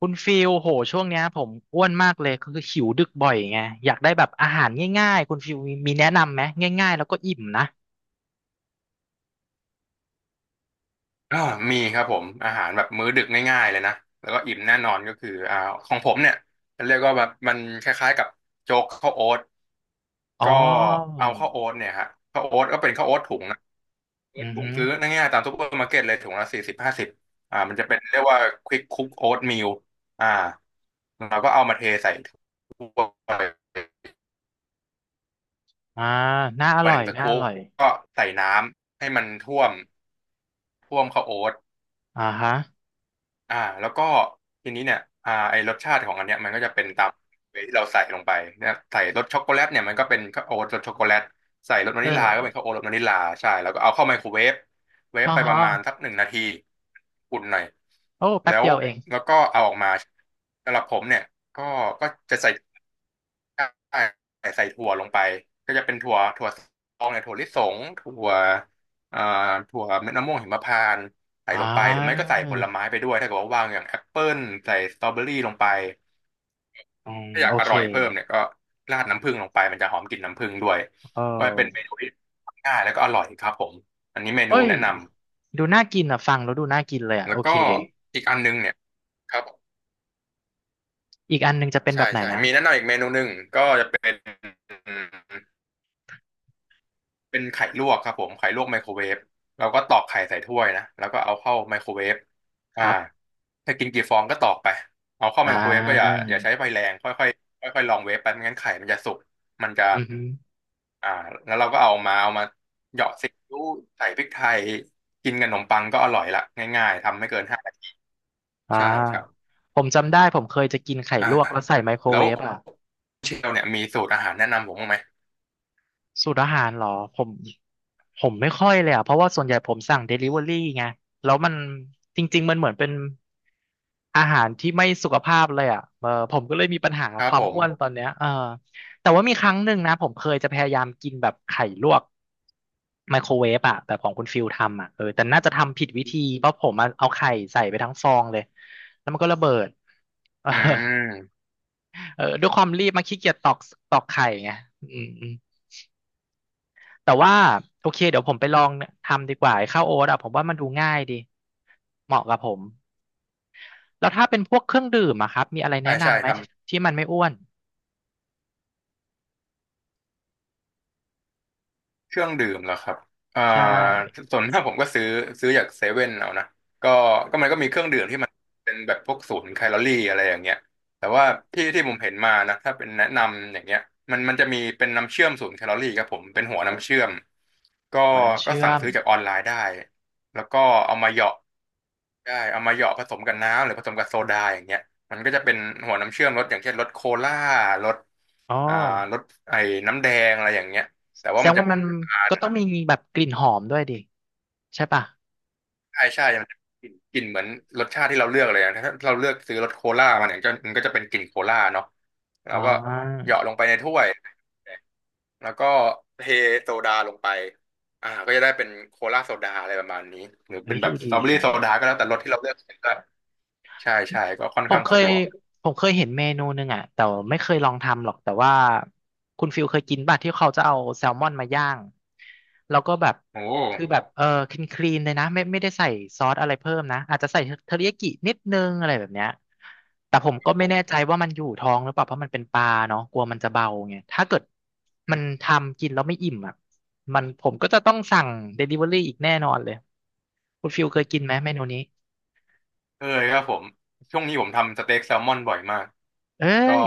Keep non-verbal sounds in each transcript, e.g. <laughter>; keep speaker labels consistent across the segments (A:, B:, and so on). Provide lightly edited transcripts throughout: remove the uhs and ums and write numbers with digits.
A: คุณฟิลโห ช่วงเนี้ยผมอ้วนมากเลย คือหิวดึกบ่อยไงอยากได้แบบอาหารง่ายๆ คุณฟิลมีแนะนำไหมง่ายๆแล้วก็อิ่มนะ
B: อ่ามีครับผมอาหารแบบมื้อดึกง่ายๆเลยนะแล้วก็อิ่มแน่นอนก็คือของผมเนี่ยเรียกว่าแบบมันคล้ายๆกับโจ๊กข้าวโอ๊ต
A: อ๋อ
B: ก็เอาข้าวโอ๊ตเนี่ยฮะข้าวโอ๊ตก็เป็นข้าวโอ๊ตถุงนะข้าวโอ๊ต
A: อือ
B: ถุง
A: ฮึ
B: ซื้อง่ายๆตามซุปเปอร์มาร์เก็ตเลยถุงละ40-50มันจะเป็นเรียกว่าควิกคุกโอ๊ตมิลอ่าเราก็เอามาเทใส่ถ้วย
A: อ่าน่าอ
B: มา
A: ร่
B: ห
A: อ
B: นึ่
A: ย
B: งตะ
A: น่าอ
B: คุ่ม
A: ร่อย
B: ก็ใส่น้ำให้มันท่วมท่วมข้าวโอ๊ต
A: อ่าฮะ
B: แล้วก็ทีนี้เนี่ยไอรสชาติของอันเนี้ยมันก็จะเป็นตามเวที่เราใส่ลงไปเนี่ยใส่รสช็อกโกแลตเนี่ยมันก็เป็นข้าวโอ๊ตรสช็อกโกแลตใส่รสวานิลลาก็
A: เออ
B: เป็นข้าวโอ๊ตรสวานิลลาใช่แล้วก็เอาเข้าไมโครเวฟเว
A: อ๋
B: ฟ
A: อ
B: ไปป
A: ฮะ
B: ระมาณสัก1 นาทีอุ่นหน่อย
A: โอ้แป๊
B: แล้
A: บ
B: ว
A: เดียวเอง
B: แล้วก็เอาออกมาสำหรับผมเนี่ยก็ก็จะใส่ใส่ถั่วลงไปก็จะเป็นถั่วซองเนี่ยถั่วลิสงอ่าถั่วเม็ดมะม่วงหิมพานต์ใส่
A: อ่
B: ลงไปหรือไม่
A: า
B: ก็ใส่ผลไม้ไปด้วยถ้าเกิดว่าว่างอย่างแอปเปิลใส่สตรอเบอรี่ลงไป
A: อืม
B: ถ้าอยา
A: โอ
B: กอ
A: เค
B: ร่อยเพิ่มเนี่ยก็ราดน้ำผึ้งลงไปมันจะหอมกลิ่นน้ำผึ้งด้วย
A: เอ
B: ว่าเป็นเม
A: อ
B: นูที่ทำง่ายแล้วก็อร่อยครับผมอันนี้เมนู
A: เอ้ย
B: แนะนำ
A: ดูน่ากินอ่ะฟังแล้วดูน่ากินเลยอ่ะ
B: แล้
A: โอ
B: ว
A: เค
B: ก็อีกอันนึงเนี่ยครับผม
A: อีกอันหนึงจะเป็นแบ
B: ใช่
A: บไหน
B: ใช่
A: นะ
B: มีแนะนำอีกเมนูหนึ่งก็จะเป็นไข่ลวกครับผมไข่ลวกไมโครเวฟเราก็ตอกไข่ใส่ถ้วยนะแล้วก็เอาเข้าไมโครเวฟ
A: ค
B: อ่า
A: รับ
B: ถ้ากินกี่ฟองก็ตอกไปเอาเข้าไม
A: อ่า
B: โครเวฟก็อย่าใช้ไฟแรงค่อยค่อยค่อยค่อยลองเวฟไปไม่งั้นไข่มันจะสุกมันจะ
A: อือฮึ
B: อ่าแล้วเราก็เอามาเหยาะซีอิ๊วใส่พริกไทยกินกับขนมปังก็อร่อยละง่ายๆทำไม่เกินห้านาที
A: อ่า
B: ใช่ครับ
A: ผมจำได้ผมเคยจะกินไข่
B: อ่า
A: ลวกแล้วใส่ไมโคร
B: แล้
A: เว
B: ว
A: ฟอ่ะ
B: เชลเนี่ยมีสูตรอาหารแนะนำผมบ้างไหม
A: สูตรอาหารเหรอผมผมไม่ค่อยเลยอ่ะเพราะว่าส่วนใหญ่ผมสั่งเดลิเวอรี่ไงแล้วมันจริงๆมันเหมือนเป็นอาหารที่ไม่สุขภาพเลยอ่ะเออผมก็เลยมีปัญหา
B: ค
A: ค
B: รับ
A: วา
B: ผ
A: ม
B: ม
A: อ้วนตอนเนี้ยเออแต่ว่ามีครั้งหนึ่งนะผมเคยจะพยายามกินแบบไข่ลวกไมโครเวฟอ่ะแบบของคุณฟิลทำอ่ะเออแต่น่าจะทำผิดวิธีเพราะผมอะเอาไข่ใส่ไปทั้งฟองเลยแล้วมันก็ระเบิด <laughs> เออ
B: อืม
A: เออด้วยความรีบมาขี้เกียจตอกตอกไข่ไงอืมอืมแต่ว่าโอเคเดี๋ยวผมไปลองทำดีกว่าไอ้ข้าวโอ๊ตอ่ะผมว่ามันดูง่ายดีเหมาะกับผมแล้วถ้าเป็นพวกเครื่องดื่มอะครับมีอะไร
B: ใช่
A: แนะ
B: ใช่
A: นำไหมที่มันไม่อ้วน
B: เครื่องดื่มเหรอครับอ่า
A: ใช่
B: ส่วนมากผมก็ซื้อจากเซเว่นเอานะก็ก็มันก็มีเครื่องดื่มที่มันเป็นแบบพวกศูนย์แคลอรี่อะไรอย่างเงี้ยแต่ว่าที่ที่ผมเห็นมานะถ้าเป็นแนะนำอย่างเงี้ยมันจะมีเป็นน้ำเชื่อมศูนย์แคลอรี่ครับผมเป็นหัวน้ำเชื่อมก็
A: หัวน้ำ
B: ก็
A: เชื่อ
B: สั่ง
A: ม
B: ซื้อจากออนไลน์ได้แล้วก็เอามาเหยาะเอามาเหยาะผสมกับน้ำหรือผสมกับโซดาอย่างเงี้ยมันก็จะเป็นหัวน้ำเชื่อมรสอย่างเช่นรสโคล่ารส
A: อ๋อ
B: อ่ารสไอ้น้ำแดงอะไรอย่างเงี้ยแต่
A: แส
B: ว่า
A: ด
B: มั
A: ง
B: นจะ
A: ว่า
B: ไม่
A: มัน
B: หวาน
A: ก็ต้องมีแบบกลิ่นหอมด้วยดิใช่ป่ะ
B: ใช่ใช่มันจะกลิ่นเหมือนรสชาติที่เราเลือกเลยนะถ้าเราเลือกซื้อรสโคล่ามาเนี่ยก็มันก็จะเป็นกลิ่นโคล่าเนาะแล้
A: อ๋อ
B: วก็เหยาะลงไปในถ้วยแล้วก็เทโซดาลงไปก็จะได้เป็นโคลาโซดาอะไรประมาณนี้หรือ
A: เฮ้
B: เป็
A: ย
B: นแบ
A: ดู
B: บสต
A: ดี
B: รอเบอรี่
A: จั
B: โซ
A: ง
B: ดาก็แล้วแต่รสที่เราเลือกก็ใช่ใช่ก็ค่อน
A: ผม
B: ข้าง
A: เค
B: สะ
A: ย
B: ดวก
A: ผมเคยเห็นเมนูหนึ่งอ่ะแต่ไม่เคยลองทำหรอกแต่ว่าคุณฟิลเคยกินป่ะที่เขาจะเอาแซลมอนมาย่างแล้วก็แบบ
B: โอ
A: คือ
B: ้
A: แบบเออคลีนคลีนเลยนะไม่ได้ใส่ซอสอะไรเพิ่มนะอาจจะใส่เทอริยากินิดนึงอะไรแบบเนี้ยแต่ผม
B: ผ
A: ก็ไม่
B: ม
A: แน่ใจว่ามันอยู่ท้องหรือเปล่าเพราะมันเป็นปลาเนาะกลัวมันจะเบาไงถ้าเกิดมันทำกินแล้วไม่อิ่มอ่ะมันผมก็จะต้องสั่งเดลิเวอรี่อีกแน่นอนเลยคุณฟิลเคยกินไหมเมนูนี้
B: เคยครับผมช่วงนี้ผมทำสเต็กแซลมอนบ่อยมาก
A: เอ้
B: ก็
A: ย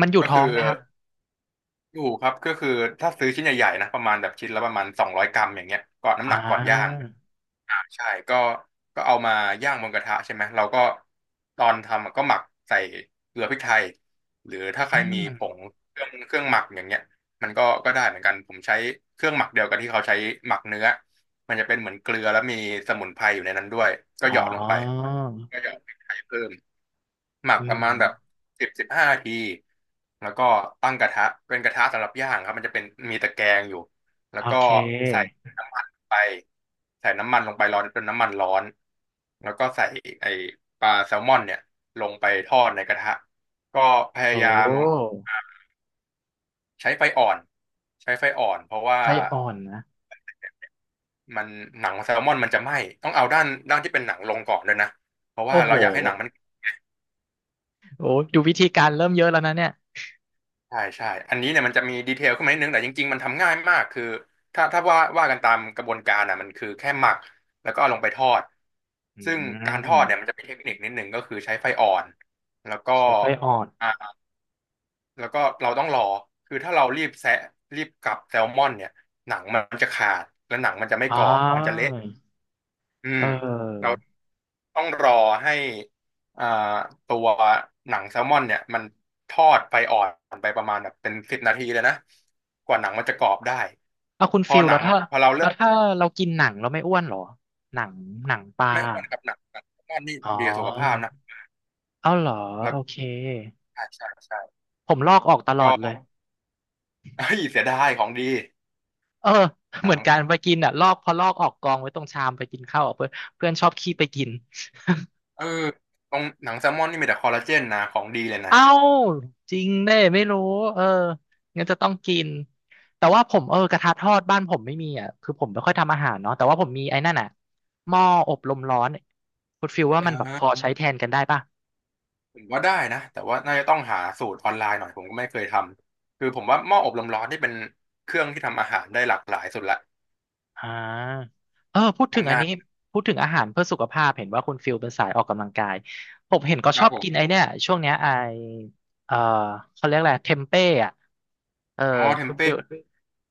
A: มันอยู่
B: ก็
A: ท้อ
B: คื
A: ง
B: อ
A: ไหมครับ
B: อยู่ครับก็คือถ้าซื้อชิ้นใหญ่ๆนะประมาณแบบชิ้นละประมาณ200 กรัมอย่างเงี้ยก่อนน้ำห
A: อ่า
B: นักก่อนย่างใช่ก็เอามาย่างบนกระทะใช่ไหมเราก็ตอนทำอะก็หมักใส่เกลือพริกไทยหรือถ้าใค
A: อื
B: รมีผง
A: ม
B: เครื่องหมักอย่างเงี้ยมันก็ได้เหมือนกันผมใช้เครื่องหมักเดียวกับที่เขาใช้หมักเนื้อมันจะเป็นเหมือนเกลือแล้วมีสมุนไพรอยู่ในนั้นด้วยก็เห
A: อ๋อ
B: ยาะลงไปก็เหยาะพริกไทยเพิ่ม หมัก
A: อื
B: ประ
A: ม
B: มาณแบบ10-15 นาทีแล้วก็ตั้งกระทะเป็นกระทะสำหรับย่างครับมันจะเป็นมีตะแกรงอยู่แล้ว
A: โอ
B: ก็
A: เค
B: ใส่น้ำมันไปใส่น้ำมันลงไปร้อนจนน้ำมันร้อนแล้วก็ใส่ไอ้ปลาแซลมอนเนี่ยลงไปทอดในกระทะก็พยา
A: โอ้
B: ยามใช้ไฟอ่อนใช้ไฟอ่อนเพราะว่า
A: ไส้อ่อนนะ
B: มันหนังแซลมอนมันจะไหม้ต้องเอาด้านที่เป็นหนังลงก่อนด้วยนะเพราะ
A: โอ้
B: ว่า
A: โห
B: เราอยากให้หนังมัน
A: โอ้ดูวิธีการเริ่มเยอะแล้วนะเนี่ย
B: ใช่ใช่อันนี้เนี่ยมันจะมีดีเทลขึ้นมานิดนึงแต่จริงๆมันทำง่ายมากคือถ้าว่ากันตามกระบวนการอ่ะมันคือแค่หมักแล้วก็เอาลงไปทอด
A: อื
B: ซึ่งการทอดเนี่ย
A: ม
B: มันจะมีเทคนิคนิดนึงก็คือใช้ไฟอ่อนแล้วก็
A: ใช้ไส้อ่อน
B: อ่าแล้วก็เราต้องรอคือถ้าเรารีบแซะรีบกลับแซลมอนเนี่ยหนังมันจะขาดและหนังมันจะไม่
A: อ๋อ
B: กรอบมันจะเละอื
A: เ
B: มเรา
A: ออ
B: ต้องรอให้อ่าตัวหนังแซลมอนเนี่ยมันทอดไฟอ่อนไปประมาณแบบเป็น10 นาทีเลยนะกว่าหนังมันจะกรอบได้
A: เอาคุณ
B: พอ
A: ฟิล
B: หนั
A: แล้ว
B: ง
A: ถ้า
B: พอเราเริ่
A: แล้ว
B: ม
A: ถ้าเรากินหนังเราไม่อ้วนเหรอ หนังหนังปลา
B: ไม่อ้วนกับหนังกับแซลมอนนี่
A: อ๋อ
B: ดีกับสุขภาพนะ
A: เอาเหรอ
B: แล้
A: โอ
B: ว
A: เค
B: ใช่ใช่ใช่
A: ผมลอกออกตลอด
B: ก็
A: เลย
B: เฮ้ยเสียดายของดี
A: เออ <laughs>
B: ห
A: เห
B: นั
A: มือ
B: ง
A: นกันไปกินอ่ะลอกพอลอกออกกองไว้ตรงชามไปกินข้าวอะเพื่อนเพื่อนชอบขี้ไปกิน
B: เออตรงหนังแซลมอนนี่มีแต่คอลลาเจนนะของดีเลย
A: <laughs>
B: นะ
A: เอ้าจริงเน่ไม่รู้เอองั้นจะต้องกินแต่ว่าผมเออกระทะทอดบ้านผมไม่มีอ่ะคือผมไม่ค่อยทำอาหารเนาะแต่ว่าผมมีไอ้นั่นอ่ะหม้ออบลมร้อนคุณฟิลว่า
B: อ่
A: มันแบบพอ
B: า
A: ใช้แทนกันได้ป่ะ
B: ผมว่าได้นะแต่ว่าน่าจะต้องหาสูตรออนไลน์หน่อยผมก็ไม่เคยทำคือผมว่าหม้ออบลมร้อนนี่เป็นเครื่องที่ทำอาหารได้หลากหลายสุดละ
A: อ่าเออพูดถึง
B: ทำ
A: อัน
B: ง่าย
A: นี้พูดถึงอาหารเพื่อสุขภาพเห็นว่าคุณฟิลเป็นสายออกกำลังกายผมเห็นก็
B: ค
A: ช
B: รั
A: อ
B: บ
A: บ
B: ผ
A: กินไอ้
B: ม
A: เนี่ยช่วงเนี้ยไอเอ่อเขาเรียกอะไรเทมเป้อะ เออ
B: อ๋อเทม
A: คุณ
B: เป้
A: ฟิล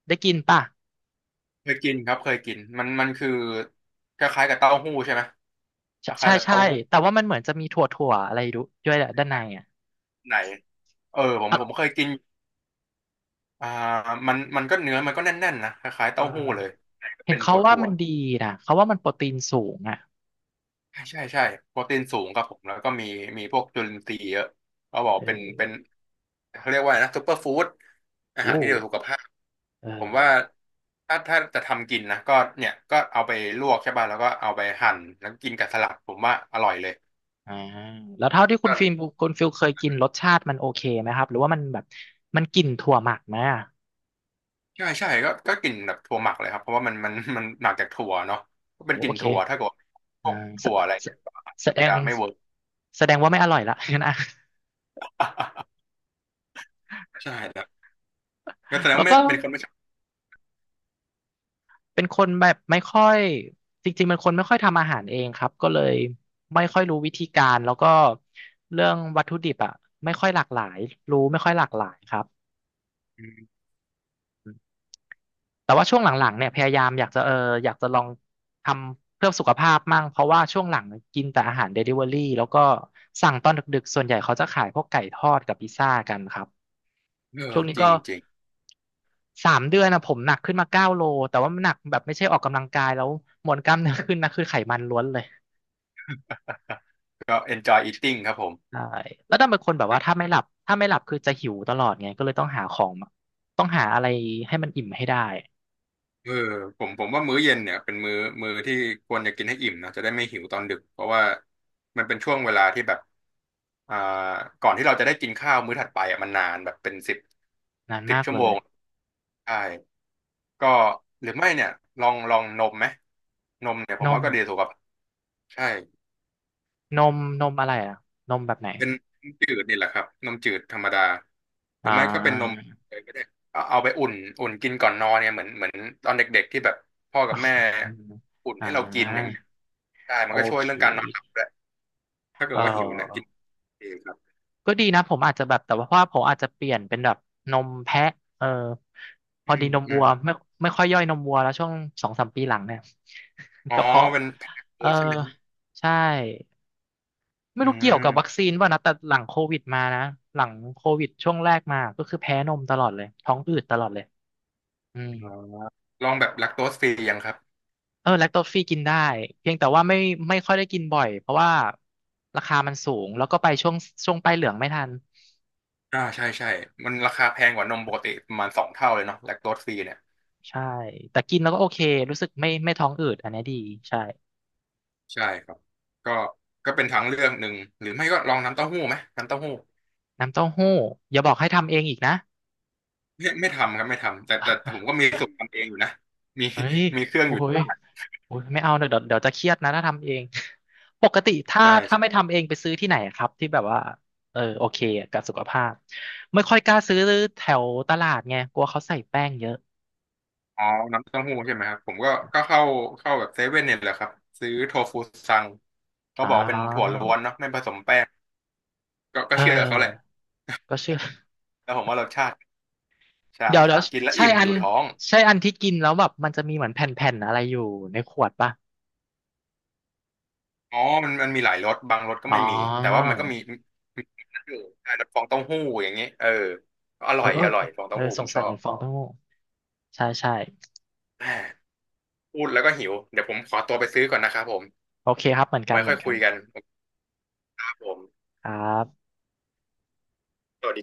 A: ได้กินป่ะ
B: เคยกินครับเคยกินมันคือคล้ายๆกับเต้าหู้ใช่ไหมค
A: ใช่
B: ล้า
A: ใช่
B: ยๆกับ
A: ใช่
B: เต้าหู้
A: แต่ว่ามันเหมือนจะมีถั่วถั่วอะไรดูด้วยแหละด้านในอ่ะ
B: ไหนเออผมเค
A: อ่ะ
B: ยกินอ่ามันก็เนื้อมันก็แน่นๆนะคล้ายๆ
A: เอ
B: เต้าหู้เลย
A: อเห็
B: เป็
A: น
B: นถ
A: เขาว่า
B: ั่ว
A: มันดีนะเขาว่ามันโปรตีนสูงอ่ะ
B: ๆใช่ใช่ใช่โปรตีนสูงครับผมแล้วก็มีพวกจุลินทรีย์เยอะเขาบอ
A: เ
B: กเป็น
A: ออ
B: เขาเรียกว่าอะไรนะซุปเปอร์ฟู้ดอา
A: โอ้
B: หารที่ดีต่อสุขภาพ
A: เอ
B: ผมว่า
A: อ
B: ถ้าจะทำกินนะก็เนี่ยก็เอาไปลวกใช่ป่ะแล้วก็เอาไปหั่นแล้วกินกับสลัดผมว่าอร่อยเลย
A: อ่าแล้วเท่าที่คุณ
B: กัน
A: ฟิลมคุณฟิลเคยกินรสชาติมันโอเคไหมครับหรือว่ามันแบบมันกลิ่นถั่วหมักไหมอ่ะ
B: ใช่ใช่ก็กลิ่นแบบถั่วหมักเลยครับเพราะว่ามันมัน <laughs> มันหมักจากถั่วเนาะก็
A: โอ้
B: เป็นก
A: โอ
B: ลิ่น
A: เค
B: ถั่วถ้าเกิดว่าพ
A: อ่า
B: วก
A: แส
B: ถั่วอะไร
A: แส
B: เนี่ยก็
A: แส
B: อาจ
A: ด
B: จะ
A: ง
B: ไม่เวิร์ก
A: แสดงว่าไม่อร่อยละ <laughs> งั้นอ่ะ
B: <laughs> ใช่ครับก็แสดง
A: แล้ว
B: ว่าไม่
A: ก็
B: เป็นคนไม่ชอบ
A: เป็นคนแบบไม่ค่อยจริงๆเป็นคนไม่ค่อยทำอาหารเองครับก็เลยไม่ค่อยรู้วิธีการแล้วก็เรื่องวัตถุดิบอ่ะไม่ค่อยหลากหลายรู้ไม่ค่อยหลากหลายครับ
B: อืม
A: แต่ว่าช่วงหลังๆเนี่ยพยายามอยากจะเอออยากจะลองทำเพื่อสุขภาพมั่งเพราะว่าช่วงหลังกินแต่อาหารเดลิเวอรี่แล้วก็สั่งตอนดึกๆส่วนใหญ่เขาจะขายพวกไก่ทอดกับพิซซ่ากันครับ
B: เออ
A: ช่วงนี้
B: จริ
A: ก็
B: งจริง
A: สามเดือนนะผมหนักขึ้นมาเก้าโลแต่ว่ามันหนักแบบไม่ใช่ออกกำลังกายแล้วมวลกล้ามเนื้อขึ้นนะคือไขมันล้วนเลย
B: ก็ enjoy eating ครับผม
A: ใช่แล้วดันเป็นคนแบบว่าถ้าไม่หลับถ้าไม่หลับคือจะหิวตลอดไงก็เลยต้องหาของต้องหาอะไรให้มันอิ่มให้ได้
B: เออผมว่ามื้อเย็นเนี่ยเป็นมื้อที่ควรจะกินให้อิ่มนะจะได้ไม่หิวตอนดึกเพราะว่ามันเป็นช่วงเวลาที่แบบอ่าก่อนที่เราจะได้กินข้าวมื้อถัดไปอ่ะมันนานแบบเป็นสิบ
A: นานมาก
B: ชั่ว
A: เล
B: โม
A: ย
B: งใช่ก็หรือไม่เนี่ยลองนมไหมนมเนี่ยผ
A: น
B: มว่า
A: ม
B: ก็ดีสุขภาพใช่
A: นมอะไรอ่ะนมแบบไหน
B: เป็นน้ำจืดนี่แหละครับนมจืดธรรมดาหรื
A: อ่
B: อไม่ก็เป็นนม
A: า
B: เลยก็ได้เอาไปอุ่นกินก่อนนอนเนี่ยเหมือนตอนเด็กๆที่แบบพ่อกับแม่
A: อืม
B: อุ่น
A: อ่
B: ให้เรากินอย่าง
A: า
B: เงี้ยได้มั
A: โอ
B: นก็ช่วย
A: เค
B: เรื่องการนอนหลับด้วยถ้าเกิ
A: เอ
B: ดว่าหิวเนี่ยกิน
A: อ
B: เองครับ
A: ก็ดีนะผมอาจจะแบบแต่ว่าเพราะว่าผมอาจจะเปลี่ยนเป็นแบบนมแพะเออพอ
B: อื
A: ดี
B: ม
A: นม
B: อื
A: วัว
B: ม
A: ไม่ค่อยย่อยนมวัวแล้วช่วงสองสามปีหลังเนี่ย <laughs>
B: อ๋อ
A: กระเพาะ
B: เป็นแพคเก
A: เออ
B: จใช่ไหม
A: ใช่ ไม่
B: อื
A: รู้เกี่ยวกับวัคซี
B: ม
A: นป่ะนะแต่หลังโควิดมานะหลังโควิดช่วงแรกมาก็คือแพ้นมตลอดเลยท้องอืดตลอดเลยอืม
B: อ๋อลองแบบแลคโตสฟรียังครับ
A: เออแลคโตฟรีกินได้เพียงแต่ว่าไม่ไม่ค่อยได้กินบ่อยเพราะว่าราคามันสูงแล้วก็ไปช่วงช่วงป้ายเหลืองไม่ทัน
B: อ่าใช่ใช่มันราคาแพงกว่านมปกติประมาณ2 เท่าเลยเนาะแลคโตสฟรีเนี่ย
A: ใช่แต่กินแล้วก็โอเครู้สึกไม่ท้องอืดอันนี้ดีใช่
B: ใช่ครับก็ก็เป็นทางเลือกหนึ่งหรือไม่ก็ลองน้ำเต้าหู้ไหมน้ำเต้าหู้
A: น้ำเต้าหู้อย่าบอกให้ทำเองอีกนะ
B: ไม่ทำครับไม่ทำแต่ผมก็มี
A: <laughs>
B: สูตรทำเองอยู่นะมี
A: เฮ้ย
B: มีเครื่อง
A: โอ้
B: อยู่ที่
A: ย
B: บ้าน
A: โอ้ยไม่เอาเดี๋ยวเดี๋ยวเดี๋ยวจะเครียดนะถ้าทำเอง <laughs> ปกติถ้า
B: ใช่
A: ไม่ทำเองไปซื้อที่ไหนครับที่แบบว่าเออโอเคกับสุขภาพไม่ค่อยกล้าซื้อแถวตลาดไงกลัวเขาใส่แป้งเยอะ
B: อ๋อน้ำเต้าหู้ใช่ไหมครับผมก็เข้าแบบเซเว่นเนี่ยแหละครับซื้อโทฟูซังเขา
A: อ่
B: บอกเป็นถั่ว
A: า
B: ล้วนเนาะไม่ผสมแป้งก็
A: เออ
B: เชื่อเขาแหละ
A: ก็เชื่อ
B: แล้วผมว่ารสชาติใช่
A: <laughs> เดี๋ยวเดี๋ยว
B: กินแล้ว
A: ใช่
B: อิ่ม
A: อั
B: อ
A: น
B: ยู่ท้อง
A: ที่กินแล้วแบบมันจะมีเหมือนแผ่นๆอะไรอยู่ในขวดป่ะ
B: อ๋อมันมีหลายรสบางรสก็
A: อ๋อ
B: ไม่มีแต่ว่ามันก็มีอยู่รสฟองเต้าหู้อย่างเงี้ยเอออ
A: เอ
B: ร่
A: อ
B: อย
A: เออ
B: อร่อยฟอง
A: เอ
B: เต้า
A: อ
B: หู้
A: ส
B: ผ
A: ง
B: มช
A: สัย
B: อ
A: เหมื
B: บ
A: อนฟองเต้าหู้ใช่ใช่
B: <sighs> แหม่พูดแล้วก็หิวเดี๋ยวผมขอตัวไปซื้อก่อนนะครับผม
A: โอเคครับเหมือนกัน
B: ไว้
A: เห
B: ค่
A: มื
B: อ
A: อ
B: ย
A: นกั
B: คุ
A: น
B: ยกันครับผม
A: ครับ
B: สวัสดี